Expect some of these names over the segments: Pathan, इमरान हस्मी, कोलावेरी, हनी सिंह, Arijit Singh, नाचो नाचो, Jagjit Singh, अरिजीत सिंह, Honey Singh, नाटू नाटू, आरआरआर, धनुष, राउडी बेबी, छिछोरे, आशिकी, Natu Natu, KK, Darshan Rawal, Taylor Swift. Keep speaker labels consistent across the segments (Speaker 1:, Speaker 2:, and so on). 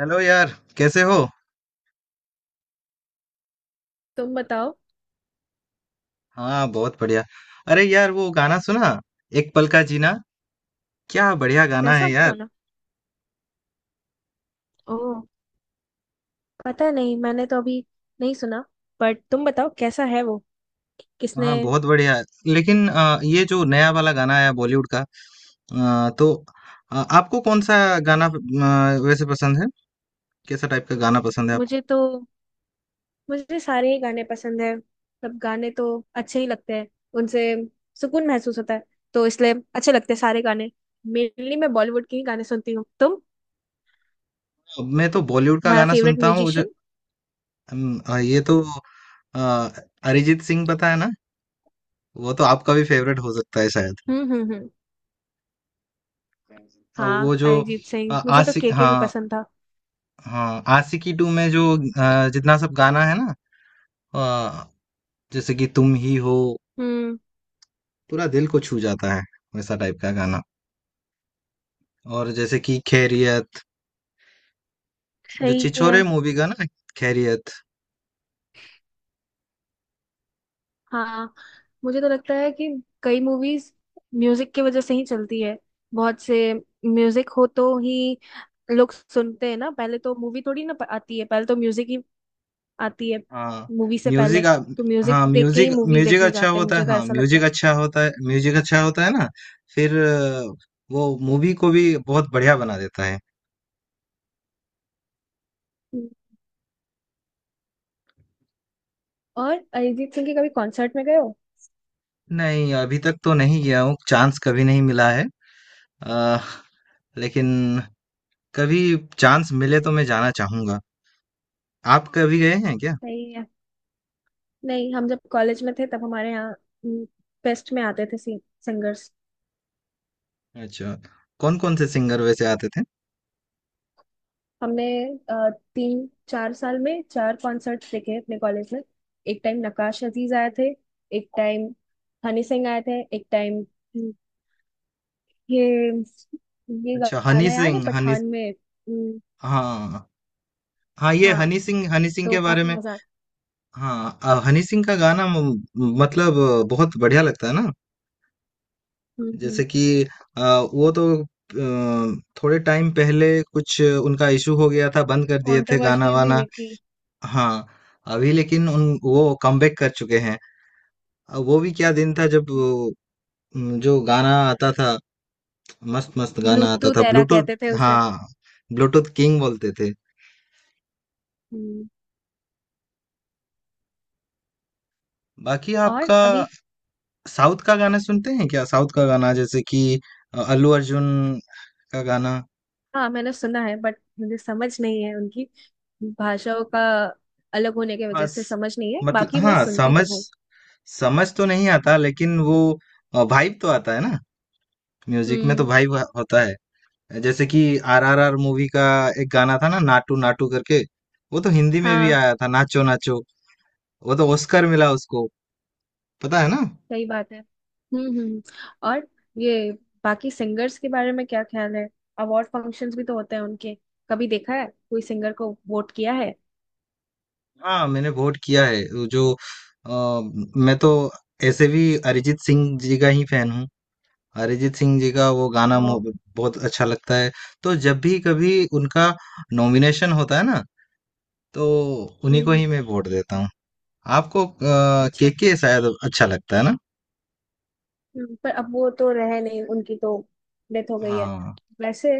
Speaker 1: Hello यार। कैसे हो?
Speaker 2: तुम बताओ।
Speaker 1: हाँ, बहुत बढ़िया। अरे यार, वो गाना सुना, एक पल का जीना? क्या बढ़िया गाना
Speaker 2: ऐसा
Speaker 1: है यार।
Speaker 2: क्यों ना। ओ, पता नहीं मैंने तो अभी नहीं सुना। बट तुम बताओ कैसा है वो। किसने।
Speaker 1: हाँ बहुत बढ़िया। लेकिन ये जो नया वाला गाना आया बॉलीवुड का, तो आपको कौन सा गाना वैसे पसंद है? कैसा टाइप का गाना पसंद है आपको?
Speaker 2: मुझे तो मुझे सारे ही गाने पसंद है। सब गाने तो अच्छे ही लगते हैं। उनसे सुकून महसूस होता है। तो इसलिए अच्छे लगते हैं सारे गाने। मेनली मैं बॉलीवुड के ही गाने सुनती हूँ।
Speaker 1: मैं तो बॉलीवुड का
Speaker 2: तुम्हारा
Speaker 1: गाना
Speaker 2: फेवरेट
Speaker 1: सुनता हूँ जो।
Speaker 2: म्यूजिशियन?
Speaker 1: ये तो। अ, अरिजीत सिंह, पता है ना? वो तो आपका भी फेवरेट हो सकता है शायद।
Speaker 2: हम्म।
Speaker 1: वो
Speaker 2: हाँ,
Speaker 1: जो
Speaker 2: अरिजीत सिंह। मुझे तो
Speaker 1: आशिक,
Speaker 2: केके भी
Speaker 1: हाँ।
Speaker 2: पसंद था।
Speaker 1: हाँ, आशिकी टू में जो जितना सब गाना है ना, अ, जैसे कि तुम ही हो।
Speaker 2: हम्म।
Speaker 1: पूरा दिल को छू जाता है, वैसा टाइप का गाना। और जैसे कि खैरियत, जो
Speaker 2: सही है।
Speaker 1: छिछोरे मूवी का ना, खैरियत।
Speaker 2: हाँ, मुझे तो लगता है कि कई मूवीज म्यूजिक की वजह से ही चलती है। बहुत से म्यूजिक हो तो ही लोग सुनते हैं ना। पहले तो मूवी थोड़ी ना आती है, पहले तो म्यूजिक ही आती है
Speaker 1: हाँ,
Speaker 2: मूवी से पहले।
Speaker 1: म्यूजिक।
Speaker 2: तो म्यूजिक
Speaker 1: हाँ,
Speaker 2: देख के
Speaker 1: म्यूजिक
Speaker 2: ही मूवीज
Speaker 1: म्यूजिक
Speaker 2: देखने
Speaker 1: अच्छा
Speaker 2: जाते हैं।
Speaker 1: होता है।
Speaker 2: मुझे तो
Speaker 1: हाँ,
Speaker 2: ऐसा लगता
Speaker 1: म्यूजिक
Speaker 2: है।
Speaker 1: अच्छा होता है, म्यूजिक अच्छा होता है ना। फिर वो मूवी को भी बहुत बढ़िया बना देता है।
Speaker 2: हम्म। और अरिजीत सिंह के कभी कॉन्सर्ट में गए हो?
Speaker 1: नहीं, अभी तक तो नहीं गया हूँ, चांस कभी नहीं मिला है। अ, लेकिन कभी चांस मिले तो मैं जाना चाहूंगा। आप कभी गए हैं क्या?
Speaker 2: नहीं है। नहीं, हम जब कॉलेज में थे तब हमारे यहाँ फेस्ट में आते थे सिंगर्स।
Speaker 1: अच्छा, कौन कौन से सिंगर वैसे आते थे?
Speaker 2: हमने तीन चार साल में चार कॉन्सर्ट्स देखे हैं अपने कॉलेज में। एक टाइम नक्काश अजीज आए थे। एक टाइम हनी सिंह आए थे। एक टाइम ये ये
Speaker 1: अच्छा, हनी
Speaker 2: गाना याद है
Speaker 1: सिंह, हनी।
Speaker 2: पठान में। हम्म।
Speaker 1: हाँ। हाँ, ये
Speaker 2: हाँ,
Speaker 1: हनी सिंह, हनी सिंह
Speaker 2: तो
Speaker 1: के बारे
Speaker 2: काफी
Speaker 1: में।
Speaker 2: मजा।
Speaker 1: हाँ, हनी सिंह का गाना मतलब बहुत बढ़िया लगता है ना। जैसे
Speaker 2: हम्म।
Speaker 1: कि, अ, वो तो थोड़े टाइम पहले कुछ उनका इशू हो गया था, बंद कर दिए थे गाना
Speaker 2: कंट्रोवर्सीज भी
Speaker 1: वाना।
Speaker 2: हुई थी।
Speaker 1: हाँ, अभी लेकिन उन वो कमबैक कर चुके हैं। वो भी क्या दिन था जब जो गाना आता था, मस्त मस्त गाना आता
Speaker 2: ब्लूटूथ
Speaker 1: था।
Speaker 2: एरा कहते थे
Speaker 1: ब्लूटूथ,
Speaker 2: उसे।
Speaker 1: हाँ। ब्लूटूथ किंग बोलते थे।
Speaker 2: हम्म।
Speaker 1: बाकी
Speaker 2: और
Speaker 1: आपका,
Speaker 2: अभी?
Speaker 1: साउथ का गाना सुनते हैं क्या? साउथ का गाना, जैसे कि अल्लू अर्जुन का गाना।
Speaker 2: हाँ, मैंने सुना है बट मुझे समझ नहीं है उनकी भाषाओं का अलग होने की
Speaker 1: हाँ
Speaker 2: वजह से। समझ नहीं है,
Speaker 1: मतलब,
Speaker 2: बाकी मैं
Speaker 1: हाँ,
Speaker 2: सुनती
Speaker 1: समझ
Speaker 2: तो हूँ।
Speaker 1: समझ तो नहीं आता, लेकिन वो वाइब तो आता है ना। म्यूजिक में तो
Speaker 2: हम्म।
Speaker 1: वाइब होता है। जैसे कि आरआरआर मूवी का एक गाना था ना, नाटू नाटू करके। वो तो हिंदी में भी
Speaker 2: हाँ,
Speaker 1: आया था, नाचो नाचो। वो तो ऑस्कर मिला उसको, पता है ना।
Speaker 2: सही बात है। हम्म। और ये बाकी सिंगर्स के बारे में क्या ख्याल है? अवार्ड फंक्शंस भी तो होते हैं उनके। कभी देखा है, कोई सिंगर को वोट किया है?
Speaker 1: हाँ मैंने वोट किया है। वो जो, अ, मैं तो ऐसे भी अरिजीत सिंह जी का ही फैन हूँ। अरिजीत सिंह जी का वो गाना
Speaker 2: ओ।
Speaker 1: बहुत अच्छा लगता है। तो जब भी कभी उनका नॉमिनेशन होता है ना, तो उन्हीं को
Speaker 2: हम्म।
Speaker 1: ही मैं वोट देता हूँ। आपको
Speaker 2: अच्छा,
Speaker 1: केके शायद अच्छा लगता है ना?
Speaker 2: पर अब वो तो रहे नहीं, उनकी तो डेथ हो गई है।
Speaker 1: हाँ।
Speaker 2: वैसे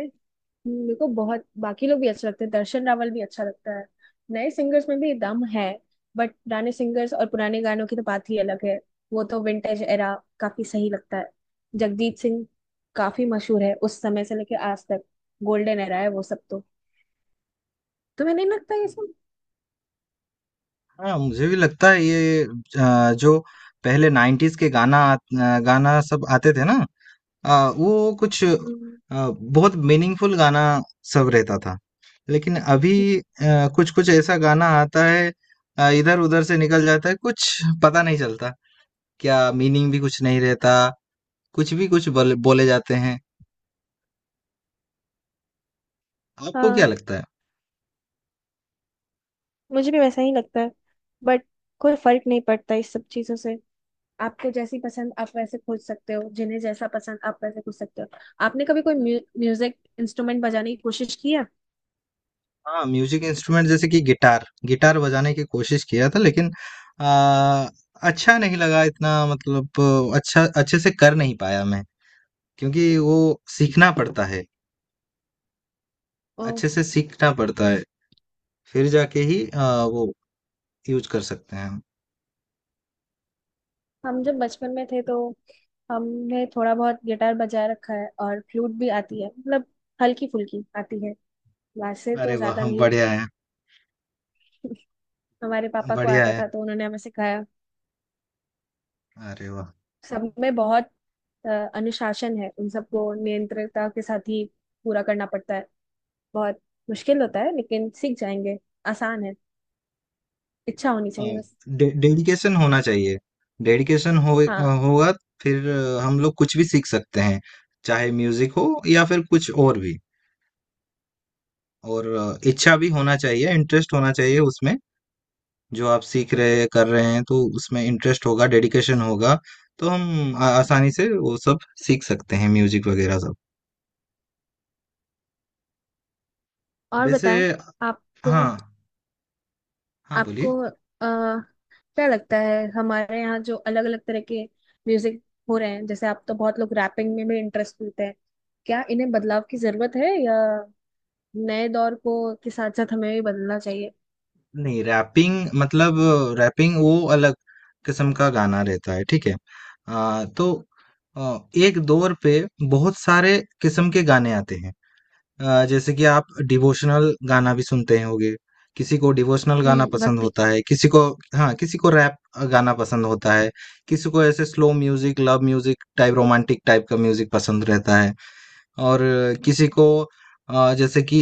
Speaker 2: मेरे को बहुत बाकी लोग भी अच्छे लगते हैं। दर्शन रावल भी अच्छा लगता है। नए सिंगर्स में भी दम है। बट पुराने सिंगर्स और पुराने गानों की तो बात ही अलग है। वो तो विंटेज एरा, काफी सही लगता है। जगजीत सिंह काफी मशहूर है उस समय से लेके आज तक। गोल्डन एरा है वो सब तो। तुम्हें नहीं लगता ये सब?
Speaker 1: हाँ, मुझे भी लगता है ये, जो पहले नाइन्टीज के गाना सब आते थे ना, अ, वो कुछ
Speaker 2: हम्म,
Speaker 1: बहुत मीनिंगफुल गाना सब रहता था। लेकिन अभी अ, कुछ-कुछ ऐसा गाना आता है, इधर-उधर से निकल जाता है, कुछ पता नहीं चलता। क्या मीनिंग भी कुछ नहीं रहता, कुछ भी कुछ बल बोले जाते हैं। आपको क्या
Speaker 2: हाँ,
Speaker 1: लगता है?
Speaker 2: मुझे भी वैसा ही लगता है। बट कोई फर्क नहीं पड़ता इस सब चीजों से। आपको जैसी पसंद आप वैसे खोज सकते हो, जिन्हें जैसा पसंद आप वैसे खोज सकते हो। आपने कभी कोई म्यूजिक इंस्ट्रूमेंट बजाने की कोशिश की है?
Speaker 1: हाँ, म्यूज़िक इंस्ट्रूमेंट जैसे कि गिटार, गिटार बजाने की कोशिश किया था लेकिन अ, अच्छा नहीं लगा इतना, मतलब अच्छा अच्छे से कर नहीं पाया मैं, क्योंकि वो सीखना पड़ता है,
Speaker 2: ओ,
Speaker 1: अच्छे से सीखना पड़ता है। फिर जाके ही वो यूज कर सकते हैं हम।
Speaker 2: हम जब बचपन में थे तो हमने थोड़ा बहुत गिटार बजा रखा है और फ्लूट भी आती है। मतलब हल्की फुल्की आती है, वैसे तो
Speaker 1: अरे वाह
Speaker 2: ज्यादा
Speaker 1: हम,
Speaker 2: नहीं।
Speaker 1: बढ़िया है।
Speaker 2: हमारे पापा को
Speaker 1: बढ़िया
Speaker 2: आता
Speaker 1: है।
Speaker 2: था तो उन्होंने हमें सिखाया।
Speaker 1: अरे वाह।
Speaker 2: सब में बहुत अ, अनुशासन है, उन सबको नियंत्रणता के साथ ही पूरा करना पड़ता है। बहुत मुश्किल होता है, लेकिन सीख जाएंगे। आसान है, इच्छा होनी चाहिए
Speaker 1: हाँ,
Speaker 2: बस।
Speaker 1: डेडिकेशन होना चाहिए। डेडिकेशन हो,
Speaker 2: हाँ।
Speaker 1: होगा। फिर हम लोग कुछ भी सीख सकते हैं, चाहे म्यूजिक हो या फिर कुछ और भी। और इच्छा भी होना चाहिए, इंटरेस्ट होना चाहिए उसमें। जो आप सीख रहे, कर रहे हैं, तो उसमें इंटरेस्ट होगा, डेडिकेशन होगा। तो हम आसानी से वो सब सीख सकते हैं, म्यूजिक वगैरह सब।
Speaker 2: और
Speaker 1: वैसे।
Speaker 2: बताएं, आपको
Speaker 1: हाँ। हाँ बोलिए।
Speaker 2: आपको क्या लगता है हमारे यहाँ जो अलग अलग तरह के म्यूजिक हो रहे हैं? जैसे आप तो, बहुत लोग रैपिंग में भी इंटरेस्ट लेते हैं। क्या इन्हें बदलाव की जरूरत है, या नए दौर को के साथ साथ हमें भी बदलना चाहिए?
Speaker 1: नहीं, रैपिंग मतलब, रैपिंग वो अलग किस्म का गाना रहता है, ठीक है। तो आ, एक दौर पे बहुत सारे किस्म के गाने आते हैं। जैसे कि आप डिवोशनल गाना भी सुनते होंगे। किसी को डिवोशनल गाना
Speaker 2: हम्म,
Speaker 1: पसंद
Speaker 2: भक्ति।
Speaker 1: होता है, किसी को। हाँ। किसी को रैप गाना पसंद होता है। किसी को ऐसे slow music, love music type, romantic type का म्यूजिक पसंद रहता है। और किसी को, जैसे कि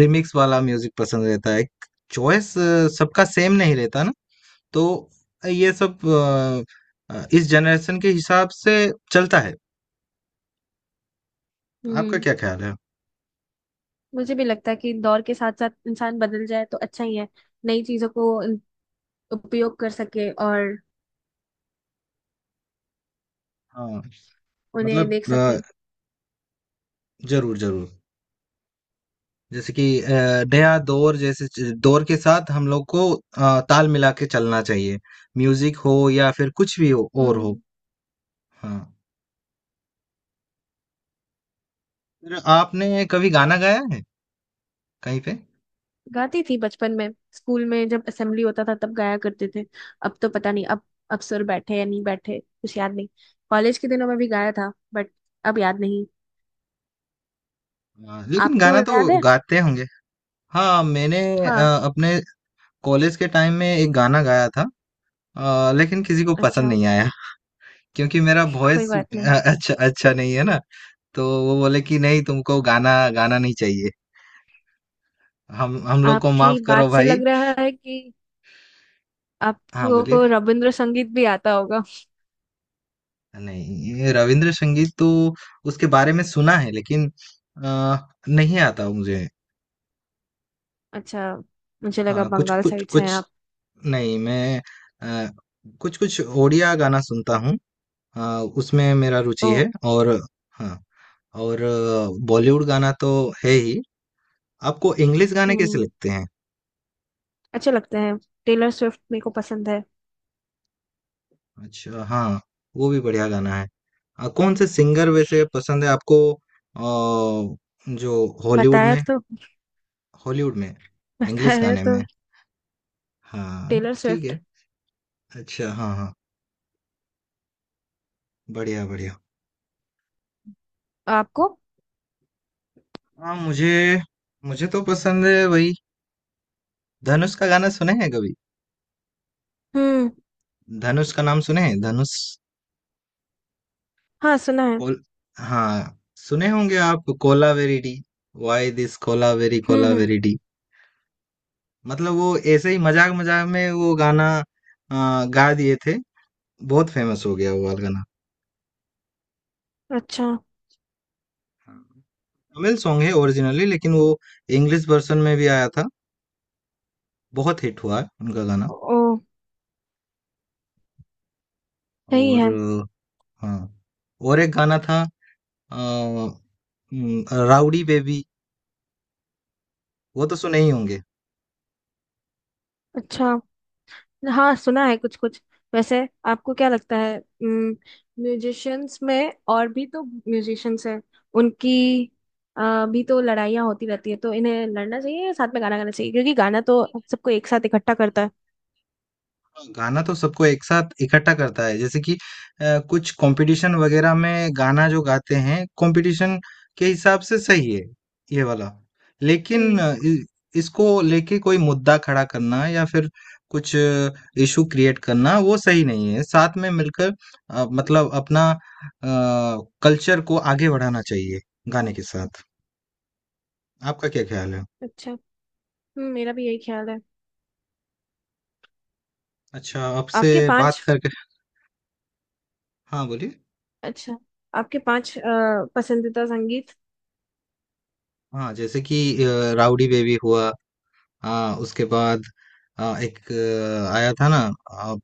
Speaker 1: रिमिक्स वाला म्यूजिक पसंद रहता है। चॉइस सबका सेम नहीं रहता ना, तो ये सब इस जनरेशन के हिसाब से चलता है। आपका
Speaker 2: हम्म,
Speaker 1: क्या ख्याल है?
Speaker 2: मुझे भी लगता है कि दौर के साथ साथ इंसान बदल जाए तो अच्छा ही है। नई चीजों को उपयोग कर सके और
Speaker 1: हाँ,
Speaker 2: उन्हें
Speaker 1: मतलब,
Speaker 2: देख सके।
Speaker 1: जरूर जरूर। जैसे कि नया दौर, जैसे दौर के साथ हम लोग को ताल मिला के चलना चाहिए, म्यूजिक हो या फिर कुछ भी हो, और हो।
Speaker 2: हम्म।
Speaker 1: हाँ। फिर आपने कभी गाना गाया है कहीं पे?
Speaker 2: गाती थी बचपन में, स्कूल में जब असेंबली होता था तब गाया करते थे। अब तो पता नहीं, अब सुर बैठे या नहीं बैठे कुछ याद नहीं। कॉलेज के दिनों में भी गाया था बट अब याद नहीं।
Speaker 1: हाँ, लेकिन
Speaker 2: आपको
Speaker 1: गाना
Speaker 2: याद
Speaker 1: तो
Speaker 2: है?
Speaker 1: गाते होंगे। हाँ, मैंने
Speaker 2: हाँ।
Speaker 1: अपने कॉलेज के टाइम में एक गाना गाया था, लेकिन किसी को पसंद
Speaker 2: अच्छा,
Speaker 1: नहीं आया, क्योंकि मेरा
Speaker 2: कोई
Speaker 1: वॉइस
Speaker 2: बात नहीं।
Speaker 1: अच्छा अच्छा नहीं है ना। तो वो बोले कि नहीं, तुमको गाना गाना नहीं चाहिए, हम लोग को
Speaker 2: आपकी
Speaker 1: माफ करो
Speaker 2: बात से
Speaker 1: भाई।
Speaker 2: लग रहा है कि आप
Speaker 1: हाँ
Speaker 2: लोगों
Speaker 1: बोलिए।
Speaker 2: को रविंद्र संगीत भी आता होगा।
Speaker 1: नहीं, ये रविंद्र संगीत तो उसके बारे में सुना है, लेकिन अ, नहीं आता मुझे।
Speaker 2: अच्छा, मुझे लगा
Speaker 1: हाँ, कुछ
Speaker 2: बंगाल
Speaker 1: कुछ।
Speaker 2: साइड से हैं
Speaker 1: कुछ
Speaker 2: आप।
Speaker 1: नहीं, मैं अ, कुछ कुछ ओडिया गाना सुनता हूँ। अ, उसमें मेरा
Speaker 2: ओ।
Speaker 1: रुचि है, और हाँ, और बॉलीवुड गाना तो है ही। आपको इंग्लिश गाने कैसे
Speaker 2: हम्म,
Speaker 1: लगते हैं?
Speaker 2: अच्छे लगते हैं। टेलर स्विफ्ट मेरे को पसंद है।
Speaker 1: अच्छा, हाँ, वो भी बढ़िया गाना है। कौन से सिंगर वैसे पसंद है आपको, आ, जो हॉलीवुड
Speaker 2: बताया
Speaker 1: में,
Speaker 2: तो।
Speaker 1: हॉलीवुड में, इंग्लिश
Speaker 2: बताया
Speaker 1: गाने
Speaker 2: तो,
Speaker 1: में। हाँ।
Speaker 2: टेलर
Speaker 1: ठीक
Speaker 2: स्विफ्ट।
Speaker 1: है। अच्छा, हाँ हाँ, बढ़िया बढ़िया।
Speaker 2: आपको?
Speaker 1: हाँ, मुझे मुझे तो पसंद है वही। धनुष का गाना सुने हैं कभी?
Speaker 2: हम्म।
Speaker 1: धनुष का नाम सुने हैं, धनुष।
Speaker 2: हाँ, सुना है।
Speaker 1: कोल हाँ, सुने होंगे आप, कोलावेरी, वाई दिस कोलावेरी
Speaker 2: हम्म।
Speaker 1: कोलावेरी। मतलब वो ऐसे ही मजाक मजाक में वो गाना गा दिए थे। बहुत फेमस हो गया वो वाला गाना।
Speaker 2: अच्छा।
Speaker 1: हाँ, तमिल सॉन्ग है ओरिजिनली, लेकिन वो इंग्लिश वर्जन में भी आया था। बहुत हिट हुआ है उनका गाना।
Speaker 2: ओ, सही
Speaker 1: और
Speaker 2: है।
Speaker 1: हाँ, और एक गाना था, अ, राउडी बेबी, वो तो सुने ही होंगे।
Speaker 2: अच्छा, हाँ, सुना है कुछ कुछ। वैसे आपको क्या लगता है, म्यूजिशियंस में, और भी तो म्यूजिशियंस हैं उनकी भी तो लड़ाइयाँ होती रहती है, तो इन्हें लड़ना चाहिए या साथ में गाना गाना चाहिए? क्योंकि गाना तो हम सबको एक साथ इकट्ठा करता है।
Speaker 1: गाना तो सबको एक साथ इकट्ठा करता है, जैसे कि कुछ कंपटीशन वगैरह में गाना जो गाते हैं, कंपटीशन के हिसाब से सही है ये वाला। लेकिन
Speaker 2: हम्म।
Speaker 1: इसको लेके कोई मुद्दा खड़ा करना या फिर कुछ इशू क्रिएट करना वो सही नहीं है। साथ में मिलकर, मतलब अपना कल्चर को आगे बढ़ाना चाहिए, गाने के साथ। आपका क्या ख्याल है?
Speaker 2: अच्छा। हम्म, मेरा भी यही ख्याल है।
Speaker 1: अच्छा, आपसे
Speaker 2: आपके
Speaker 1: बात
Speaker 2: पांच।
Speaker 1: करके। हाँ बोलिए।
Speaker 2: अच्छा, आपके पांच पसंदीदा संगीत?
Speaker 1: हाँ, जैसे कि राउडी बेबी हुआ। हाँ, उसके बाद एक आया था ना, आ,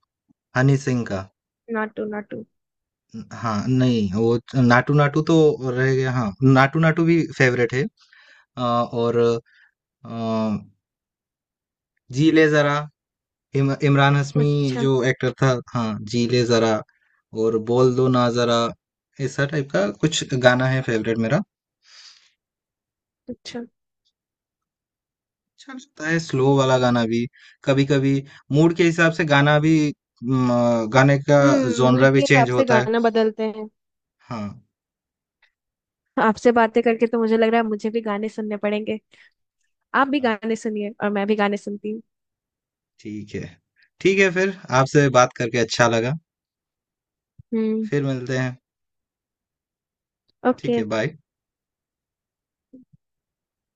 Speaker 1: हनी सिंह का।
Speaker 2: नाटू नाटू।
Speaker 1: हाँ नहीं, वो नाटू नाटू तो रह गया। हाँ, नाटू नाटू भी फेवरेट है। और आ, जी ले जरा, इमरान हस्मी
Speaker 2: अच्छा।
Speaker 1: जो एक्टर था, हाँ, जी ले जरा। और बोल दो ना जरा। ऐसा टाइप का कुछ गाना है फेवरेट मेरा।
Speaker 2: अच्छा।
Speaker 1: अच्छा लगता है स्लो वाला गाना भी, कभी कभी। मूड के हिसाब से गाना भी, गाने का
Speaker 2: हम्म, मूड
Speaker 1: जोनरा भी
Speaker 2: के हिसाब
Speaker 1: चेंज
Speaker 2: से
Speaker 1: होता है।
Speaker 2: गाना बदलते हैं।
Speaker 1: हाँ,
Speaker 2: आपसे बातें करके तो मुझे लग रहा है मुझे भी गाने सुनने पड़ेंगे। आप भी गाने सुनिए, और मैं भी गाने सुनती हूँ।
Speaker 1: ठीक है। ठीक है, फिर आपसे बात करके अच्छा लगा।
Speaker 2: हम्म।
Speaker 1: फिर मिलते हैं। ठीक
Speaker 2: ओके।
Speaker 1: है, बाय।